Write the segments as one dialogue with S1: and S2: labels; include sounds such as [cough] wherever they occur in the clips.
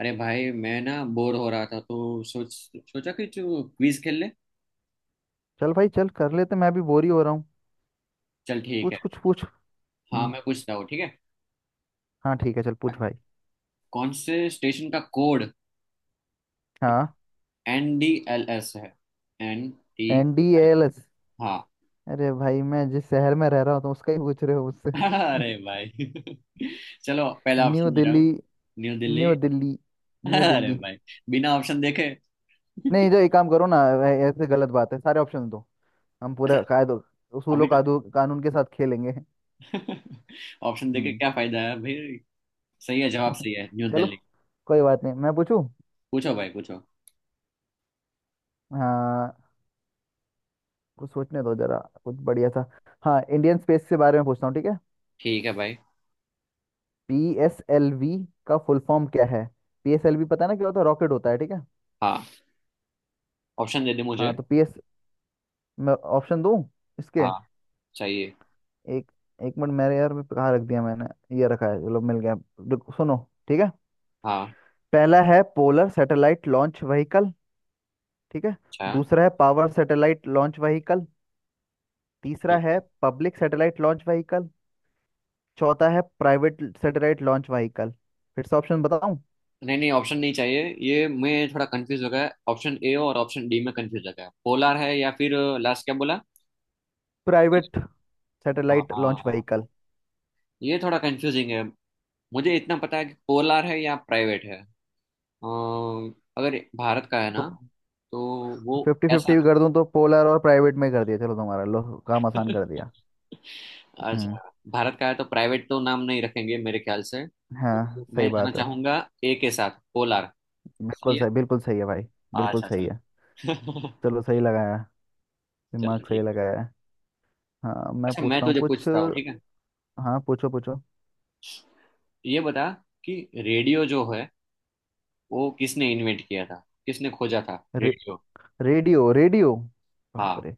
S1: अरे भाई मैं ना बोर हो रहा था तो सोचा कि तू क्विज खेल ले।
S2: चल भाई, चल कर लेते। मैं भी बोर ही हो रहा हूँ।
S1: चल ठीक
S2: पूछ,
S1: है।
S2: कुछ पूछ।
S1: हाँ
S2: हम्म।
S1: मैं पूछता हूँ, ठीक है।
S2: हाँ ठीक है, चल पूछ भाई।
S1: कौन से स्टेशन का कोड
S2: हाँ,
S1: एन डी एल एस है? N T.
S2: एनडीएलएस।
S1: हाँ।
S2: अरे भाई, मैं जिस शहर में रह रहा हूँ तो उसका ही पूछ रहे हो
S1: [laughs]
S2: मुझसे।
S1: अरे
S2: [laughs]
S1: भाई। [laughs] चलो पहला
S2: न्यू
S1: ऑप्शन दे रहा
S2: दिल्ली।
S1: हूँ। New Delhi.
S2: New Delhi.
S1: [laughs]
S2: New
S1: अरे
S2: दिल्ली।
S1: भाई, बिना ऑप्शन देखे।
S2: नहीं,
S1: [laughs]
S2: जो एक काम करो ना, ऐसे गलत बात है, सारे ऑप्शन दो। हम पूरा कायदो,
S1: अभी
S2: उसूलों,
S1: तो।
S2: कादू, कानून के साथ खेलेंगे।
S1: [laughs] ऑप्शन देके
S2: हम्म।
S1: क्या फायदा है भाई। सही है, जवाब
S2: [laughs]
S1: सही है, न्यू
S2: चलो,
S1: दिल्ली।
S2: कोई बात नहीं, मैं पूछूं।
S1: पूछो भाई पूछो।
S2: हाँ, कुछ सोचने दो जरा, कुछ बढ़िया सा। हाँ, इंडियन स्पेस के बारे में पूछता हूँ, ठीक है?
S1: ठीक है भाई।
S2: पीएसएलवी का फुल फॉर्म क्या है? पीएसएलवी पता है ना क्या होता है? रॉकेट होता है, ठीक है।
S1: हाँ, ऑप्शन दे दे मुझे।
S2: हाँ तो पीएस मैं ऑप्शन दूं इसके।
S1: हाँ चाहिए।
S2: एक एक मिनट मेरे यार, मैं कहाँ रख दिया मैंने। ये रखा है, चलो मिल गया। रुको, सुनो। ठीक है।
S1: हाँ।
S2: पहला है पोलर सैटेलाइट लॉन्च व्हीकल, ठीक है।
S1: अच्छा।
S2: दूसरा है पावर सैटेलाइट लॉन्च व्हीकल। तीसरा
S1: ठीक
S2: है
S1: है।
S2: Public satellite launch vehicle. चौथा है प्राइवेट सैटेलाइट लॉन्च व्हीकल। फिर से ऑप्शन बताऊं?
S1: नहीं नहीं, ऑप्शन नहीं चाहिए। ये मैं थोड़ा कंफ्यूज हो गया, ऑप्शन ए और ऑप्शन डी में कंफ्यूज हो गया। पोलार है या फिर, लास्ट क्या बोला?
S2: प्राइवेट
S1: हाँ
S2: सैटेलाइट
S1: हाँ,
S2: लॉन्च
S1: हाँ। हाँ।
S2: व्हीकल।
S1: ये थोड़ा कंफ्यूजिंग है। मुझे इतना पता है कि पोलार है या प्राइवेट है। अगर भारत का है
S2: तो
S1: ना तो वो
S2: फिफ्टी फिफ्टी
S1: ऐसा।
S2: भी कर दूं तो पोलर और प्राइवेट में कर दिया, चलो तुम्हारा लो। काम आसान
S1: [laughs]
S2: कर दिया। हम्म,
S1: अच्छा, भारत का है तो प्राइवेट तो नाम नहीं रखेंगे मेरे ख्याल से।
S2: हाँ
S1: तो
S2: सही
S1: मैं जाना
S2: बात है।
S1: चाहूंगा ए के साथ, पोलार।
S2: बिल्कुल
S1: सही है।
S2: सही, बिल्कुल सही है भाई। बिल्कुल
S1: अच्छा
S2: सही है।
S1: चलो। [laughs]
S2: चलो, सही लगाया,
S1: चलो
S2: दिमाग सही
S1: ठीक।
S2: लगाया है। हाँ, मैं
S1: अच्छा मैं
S2: पूछता हूँ
S1: तुझे
S2: कुछ।
S1: पूछता हूँ, ठीक है।
S2: हाँ, पूछो पूछो।
S1: ये बता कि रेडियो जो है वो किसने इन्वेंट किया था? किसने खोजा था
S2: रे,
S1: रेडियो?
S2: रेडियो। रेडियो, बाप
S1: हाँ
S2: रे।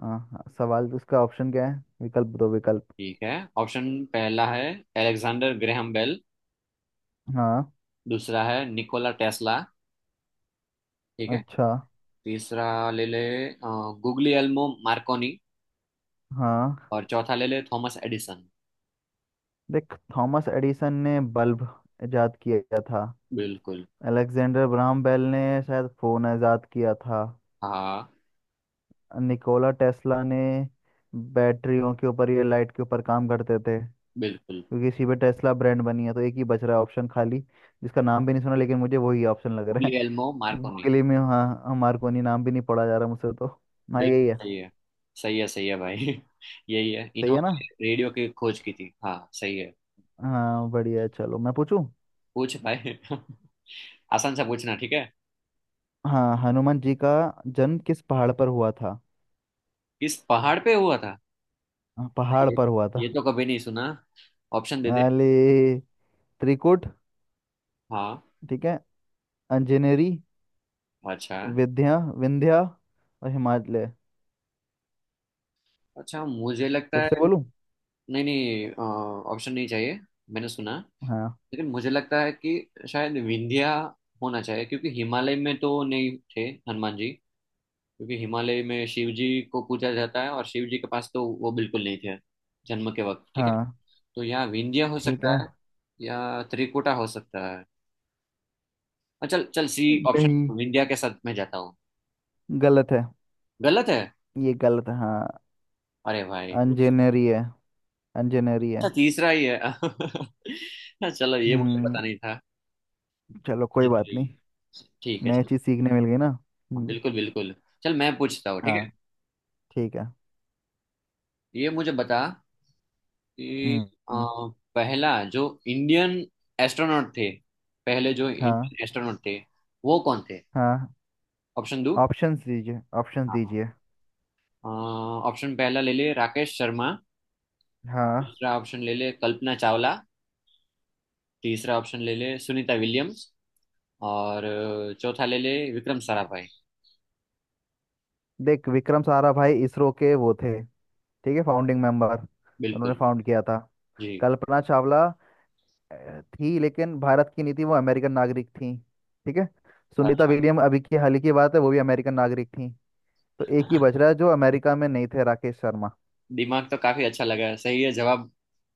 S2: हाँ हाँ, सवाल उसका ऑप्शन क्या है? विकल्प दो, विकल्प।
S1: ठीक है। ऑप्शन पहला है एलेक्सेंडर ग्रैहम बेल।
S2: हाँ।
S1: दूसरा है निकोला टेस्ला। ठीक है।
S2: अच्छा।
S1: तीसरा ले ले गुग्लियल्मो मार्कोनी।
S2: हाँ,
S1: और चौथा ले ले थॉमस एडिसन।
S2: देख, थॉमस एडिसन ने बल्ब इजाद किया था।
S1: बिल्कुल।
S2: अलेक्जेंडर ग्राहम बेल ने शायद फोन इजाद किया था।
S1: हाँ
S2: निकोला टेस्ला ने बैटरियों के ऊपर या लाइट के ऊपर काम करते थे।
S1: बिल्कुल।
S2: क्योंकि इसी पे टेस्ला ब्रांड बनी है, तो एक ही बच रहा है ऑप्शन खाली, जिसका नाम भी नहीं सुना, लेकिन मुझे वही ऑप्शन लग रहा है।
S1: Guglielmo Markovnikov.
S2: गूगली में। हाँ हमारे को नहीं, नाम भी नहीं पढ़ा जा रहा मुझसे तो। हाँ,
S1: बिल्कुल
S2: यही है।
S1: सही है। सही है सही है भाई। [laughs] यही है,
S2: सही है ना?
S1: इन्होंने रेडियो की खोज की थी, हाँ सही है।
S2: हाँ, बढ़िया है, चलो मैं पूछूं।
S1: पूछ भाई। [laughs] आसान सा पूछना, ठीक है।
S2: हाँ, हनुमान जी का जन्म किस पहाड़ पर हुआ था?
S1: इस पहाड़ पे हुआ था?
S2: हाँ, पहाड़
S1: ये
S2: पर हुआ
S1: ये
S2: था।
S1: तो कभी नहीं सुना। ऑप्शन दे दे।
S2: अरे, त्रिकुट,
S1: हाँ।
S2: ठीक है। अंजनेरी।
S1: अच्छा।
S2: विद्या, विंध्या। और हिमालय।
S1: अच्छा मुझे लगता
S2: फिर
S1: है।
S2: से बोलूं?
S1: नहीं नहीं, ऑप्शन नहीं चाहिए। मैंने सुना,
S2: हाँ।
S1: लेकिन मुझे लगता है कि शायद विंध्या होना चाहिए, क्योंकि हिमालय में तो नहीं थे हनुमान जी। क्योंकि हिमालय में शिव जी को पूजा जाता है और शिव जी के पास तो वो बिल्कुल नहीं थे जन्म के वक्त, ठीक है।
S2: हाँ,
S1: तो या विंध्या हो
S2: ठीक
S1: सकता
S2: है।
S1: है या त्रिकुटा हो सकता है। अच्छा चल चल, सी ऑप्शन
S2: नहीं,
S1: विंध्या के साथ मैं जाता हूँ।
S2: गलत है।
S1: गलत है?
S2: ये गलत है, हाँ।
S1: अरे भाई, अच्छा।
S2: इंजीनियरी है, इंजीनियरी है।
S1: तीसरा ही है। [laughs] हाँ, चलो, ये मुझे पता
S2: हम्म।
S1: नहीं था।
S2: चलो, कोई बात
S1: जी,
S2: नहीं।
S1: ठीक है
S2: नई
S1: चलो।
S2: चीज सीखने मिल गई ना।
S1: हाँ,
S2: हम्म,
S1: बिल्कुल बिल्कुल। चल मैं पूछता हूँ, ठीक
S2: हाँ,
S1: है।
S2: ठीक है।
S1: ये मुझे बता कि
S2: हम्म।
S1: अ,
S2: हम्म,
S1: पहला जो इंडियन एस्ट्रोनॉट थे, पहले जो
S2: हाँ।
S1: इंडियन एस्ट्रोनॉट थे वो कौन थे?
S2: हाँ।
S1: ऑप्शन दो।
S2: ऑप्शंस दीजिए, ऑप्शंस
S1: हाँ।
S2: दीजिए।
S1: ऑप्शन पहला ले ले राकेश शर्मा।
S2: हाँ।
S1: दूसरा ऑप्शन ले ले कल्पना चावला। तीसरा ऑप्शन ले ले सुनीता विलियम्स। और चौथा ले ले विक्रम साराभाई।
S2: देख, विक्रम साराभाई इसरो के वो थे, ठीक है, फाउंडिंग मेंबर। उन्होंने
S1: बिल्कुल।
S2: फाउंड किया था।
S1: जी।
S2: कल्पना चावला थी, लेकिन भारत की नहीं थी, वो अमेरिकन नागरिक थी, ठीक है। सुनीता
S1: अच्छा।
S2: विलियम अभी की हाल ही की बात है, वो भी अमेरिकन नागरिक थी। तो एक ही बच रहा है जो अमेरिका में नहीं थे, राकेश शर्मा।
S1: दिमाग तो काफी अच्छा लगा है, सही है जवाब,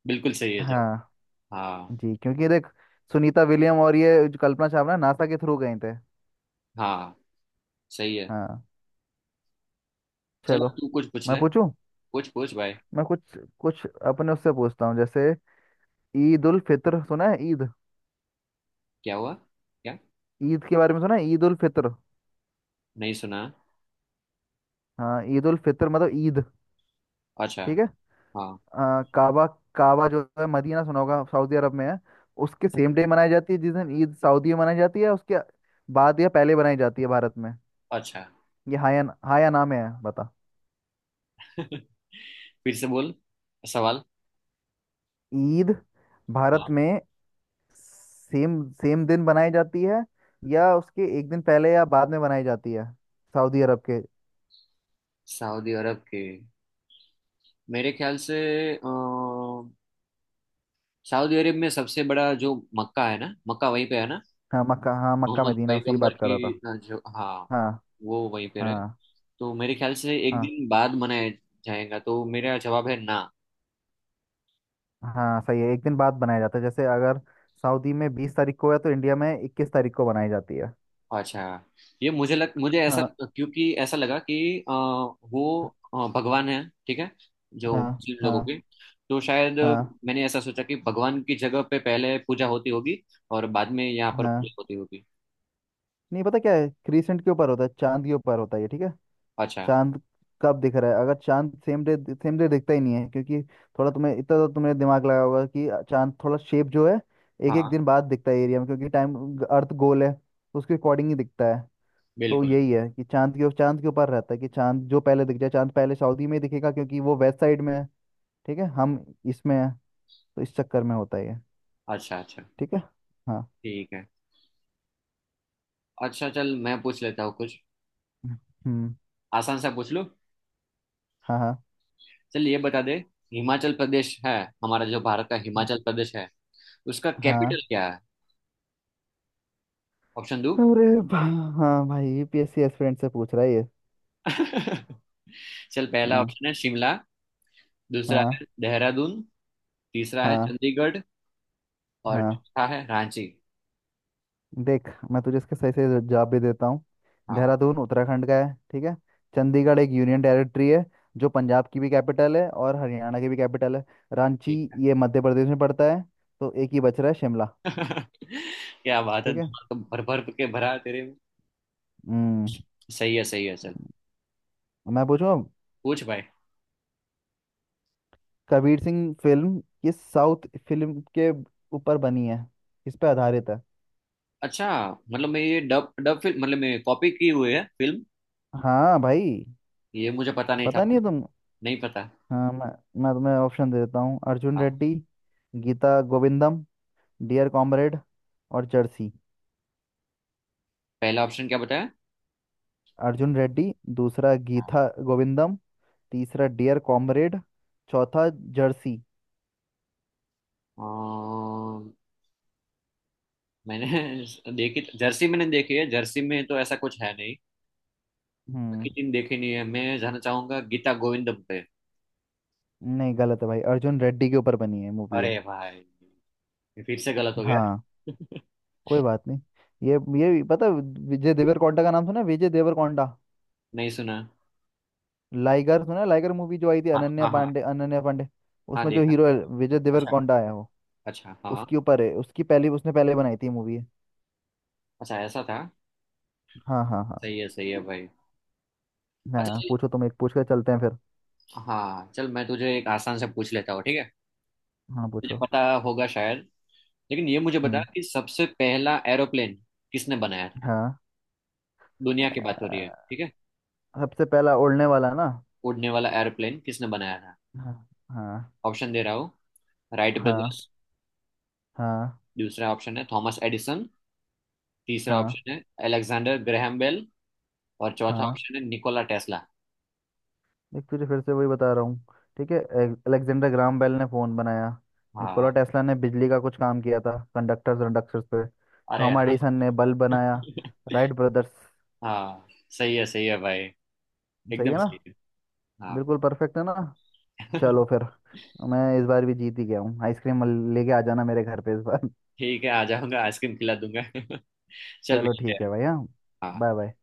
S1: बिल्कुल सही है जवाब।
S2: हाँ।
S1: हाँ।
S2: जी, क्योंकि देख, सुनीता विलियम और ये जो कल्पना चावला, नासा के थ्रू गए थे।
S1: हाँ सही है।
S2: हाँ।
S1: चल,
S2: चलो,
S1: अब तू कुछ पूछ
S2: मैं
S1: ले।
S2: पूछूं।
S1: कुछ पूछ भाई।
S2: मैं कुछ कुछ अपने उससे पूछता हूँ, जैसे ईद उल फित्र सुना है? ईद,
S1: क्या हुआ? क्या?
S2: ईद के बारे में सुना है? ईद उल फित्र।
S1: नहीं सुना।
S2: हाँ, ईद उल फित्र मतलब ईद,
S1: अच्छा।
S2: ठीक है।
S1: हाँ।
S2: आ, काबा, काबा जो है मदीना, सुना होगा, सऊदी अरब में है। उसके सेम डे मनाई जाती है, जिस दिन ईद सऊदी में मनाई जाती है, उसके बाद या पहले मनाई जाती है भारत में।
S1: अच्छा।
S2: ये हाया हाया नाम है, बता।
S1: [laughs] फिर से बोल सवाल।
S2: ईद भारत
S1: हाँ,
S2: में सेम सेम दिन बनाई जाती है, या उसके एक दिन पहले या बाद में बनाई जाती है, सऊदी अरब के।
S1: सऊदी अरब के, मेरे ख्याल से, अ, सऊदी अरब में सबसे बड़ा जो मक्का है ना, मक्का वहीं पे है ना?
S2: हाँ, मक्का, हाँ मक्का
S1: मोहम्मद
S2: मदीना, उसी की
S1: पैगंबर
S2: बात कर रहा
S1: की
S2: था।
S1: जो, हाँ,
S2: हाँ।
S1: वो वहीं पे रहे।
S2: हाँ।
S1: तो मेरे ख्याल से एक
S2: हाँ।
S1: दिन बाद मनाया जाएगा, तो मेरा जवाब है ना।
S2: हाँ, सही है, एक दिन बाद बनाया जाता है। जैसे अगर सऊदी में 20 तारीख को है, तो इंडिया में 21 तारीख को बनाई जाती है।
S1: अच्छा। ये मुझे ऐसा,
S2: हाँ।
S1: क्योंकि ऐसा लगा कि वो भगवान है, ठीक है, जो
S2: हाँ।
S1: मुस्लिम
S2: हाँ।
S1: लोगों के। तो शायद
S2: हाँ।
S1: मैंने ऐसा सोचा कि भगवान की जगह पे पहले पूजा होती होगी और बाद में यहाँ पर पूजा
S2: हाँ,
S1: होती होगी।
S2: नहीं पता क्या है, क्रीसेंट के ऊपर होता है, चांद के ऊपर होता है ये, ठीक है।
S1: अच्छा।
S2: चांद कब दिख रहा है, अगर चांद सेम डे दिखता ही नहीं है क्योंकि, थोड़ा तुम्हें इतना तो तुमने दिमाग लगाया होगा कि चांद थोड़ा शेप जो है, एक
S1: हाँ
S2: एक दिन बाद दिखता है एरिया में, क्योंकि टाइम, अर्थ गोल है तो उसके अकॉर्डिंग ही दिखता है। तो
S1: बिल्कुल।
S2: यही है कि चांद के ऊपर रहता है, कि चांद जो पहले दिख जाए, चांद पहले सऊदी में ही दिखेगा क्योंकि वो वेस्ट साइड में है, ठीक है। हम इसमें है, तो इस चक्कर में होता है ये।
S1: अच्छा अच्छा।
S2: ठीक है। हाँ।
S1: ठीक है। अच्छा चल मैं पूछ लेता हूँ कुछ।
S2: हम्म।
S1: आसान सा पूछ लो।
S2: हाँ। हाँ।
S1: चल ये बता दे, हिमाचल प्रदेश है, हमारा जो भारत का हिमाचल प्रदेश है, उसका कैपिटल
S2: हाँ।
S1: क्या है? ऑप्शन दो।
S2: अरे भा- हाँ भाई, यूपीएससी एस्पिरेंट से पूछ रहा है ये।
S1: [laughs] चल पहला
S2: हाँ।
S1: ऑप्शन है शिमला। दूसरा
S2: हाँ।
S1: है देहरादून। तीसरा है
S2: हाँ।
S1: चंडीगढ़। और
S2: हाँ।
S1: चौथा है रांची।
S2: देख, मैं तुझे इसके सही सही जवाब भी देता हूँ।
S1: हाँ
S2: देहरादून उत्तराखंड का है, ठीक है। चंडीगढ़ एक यूनियन टेरिटरी है, जो पंजाब की भी कैपिटल है और हरियाणा की भी कैपिटल है। रांची,
S1: ठीक है।
S2: ये मध्य प्रदेश में पड़ता है। तो एक ही बच रहा है, शिमला।
S1: [laughs] क्या बात है,
S2: ठीक है।
S1: दिमाग तो भर भर के भरा है तेरे में।
S2: हम्म।
S1: सही है चल।
S2: मैं पूछूं अब,
S1: पूछ भाई।
S2: कबीर सिंह फिल्म किस साउथ फिल्म के ऊपर बनी है, किस पे आधारित है?
S1: अच्छा, मतलब मैं ये डब डब फिल्म मतलब मैं, कॉपी की हुई है फिल्म।
S2: हाँ भाई।
S1: ये मुझे पता नहीं था।
S2: पता नहीं है तुम?
S1: नहीं पता।
S2: हाँ, मैं तुम्हें ऑप्शन दे देता हूँ। अर्जुन
S1: हाँ।
S2: रेड्डी, गीता गोविंदम, डियर कॉमरेड और जर्सी।
S1: पहला ऑप्शन क्या बताया?
S2: अर्जुन रेड्डी, दूसरा
S1: हाँ।
S2: गीता गोविंदम, तीसरा डियर कॉमरेड, चौथा जर्सी।
S1: अ, मैंने [laughs] देखी जर्सी, मैंने देखी है, जर्सी में तो ऐसा कुछ है नहीं।
S2: हम्म।
S1: बाकी तीन देखी नहीं है, मैं जाना चाहूंगा गीता गोविंदम पे।
S2: नहीं, गलत है भाई, अर्जुन रेड्डी के ऊपर बनी है मूवी है।
S1: अरे भाई, ये फिर से गलत हो गया।
S2: हाँ,
S1: [laughs]
S2: कोई बात नहीं। ये पता है, विजय देवरकोंडा का नाम सुना है? विजय देवरकोंडा,
S1: नहीं सुना।
S2: लाइगर सुना है? लाइगर मूवी जो आई थी,
S1: हाँ
S2: अनन्या
S1: हाँ हाँ।
S2: पांडे, अनन्या पांडे,
S1: हाँ
S2: उसमें जो
S1: देखा।
S2: हीरो है विजय
S1: अच्छा।
S2: देवरकोंडा है वो।
S1: अच्छा हाँ।
S2: उसके ऊपर है, उसकी पहली, उसने पहले बनाई थी मूवी है।
S1: अच्छा ऐसा था।
S2: हाँ हाँ हाँ।
S1: सही है भाई। अच्छा
S2: हाँ,
S1: चल।
S2: पूछो तुम, एक पूछ कर चलते हैं फिर।
S1: हाँ चल मैं तुझे एक आसान से पूछ लेता हूँ, ठीक है।
S2: हाँ,
S1: तुझे
S2: पूछो।
S1: पता होगा शायद, लेकिन ये मुझे बता
S2: हम्म।
S1: कि सबसे पहला एरोप्लेन किसने बनाया था?
S2: हाँ,
S1: दुनिया की बात हो रही है, ठीक है।
S2: सबसे पहला उड़ने वाला ना।
S1: उड़ने वाला एरोप्लेन किसने बनाया था?
S2: हाँ। हाँ।
S1: ऑप्शन दे रहा हूँ। राइट
S2: हाँ।
S1: ब्रदर्स।
S2: हाँ।
S1: दूसरा ऑप्शन है थॉमस एडिसन। तीसरा
S2: हाँ।
S1: ऑप्शन है अलेक्जेंडर ग्रैहम बेल। और चौथा
S2: हाँ,
S1: ऑप्शन है निकोला टेस्ला।
S2: देख तुझे फिर से वही बता रहा हूँ। ठीक है, अलेक्जेंडर ग्राम बेल ने फोन बनाया। निकोला
S1: हाँ।
S2: टेस्ला ने बिजली का कुछ काम किया था, कंडक्टर्स कंडक्टर्स पे।
S1: अरे
S2: थॉमस
S1: हाँ।
S2: एडिसन ने बल्ब बनाया। Wright brothers.
S1: हाँ सही है, सही है भाई,
S2: सही है
S1: एकदम
S2: ना?
S1: सही है। हाँ।
S2: बिल्कुल परफेक्ट है ना? चलो
S1: [laughs]
S2: फिर, मैं इस बार भी जीत ही गया हूँ। आइसक्रीम लेके आ जाना मेरे घर पे इस बार।
S1: ठीक है, आ जाऊंगा, आइसक्रीम खिला दूंगा। [laughs]
S2: [laughs]
S1: चल
S2: चलो
S1: मिलते
S2: ठीक है
S1: हैं।
S2: भाई। हाँ।
S1: हाँ।
S2: Bye bye.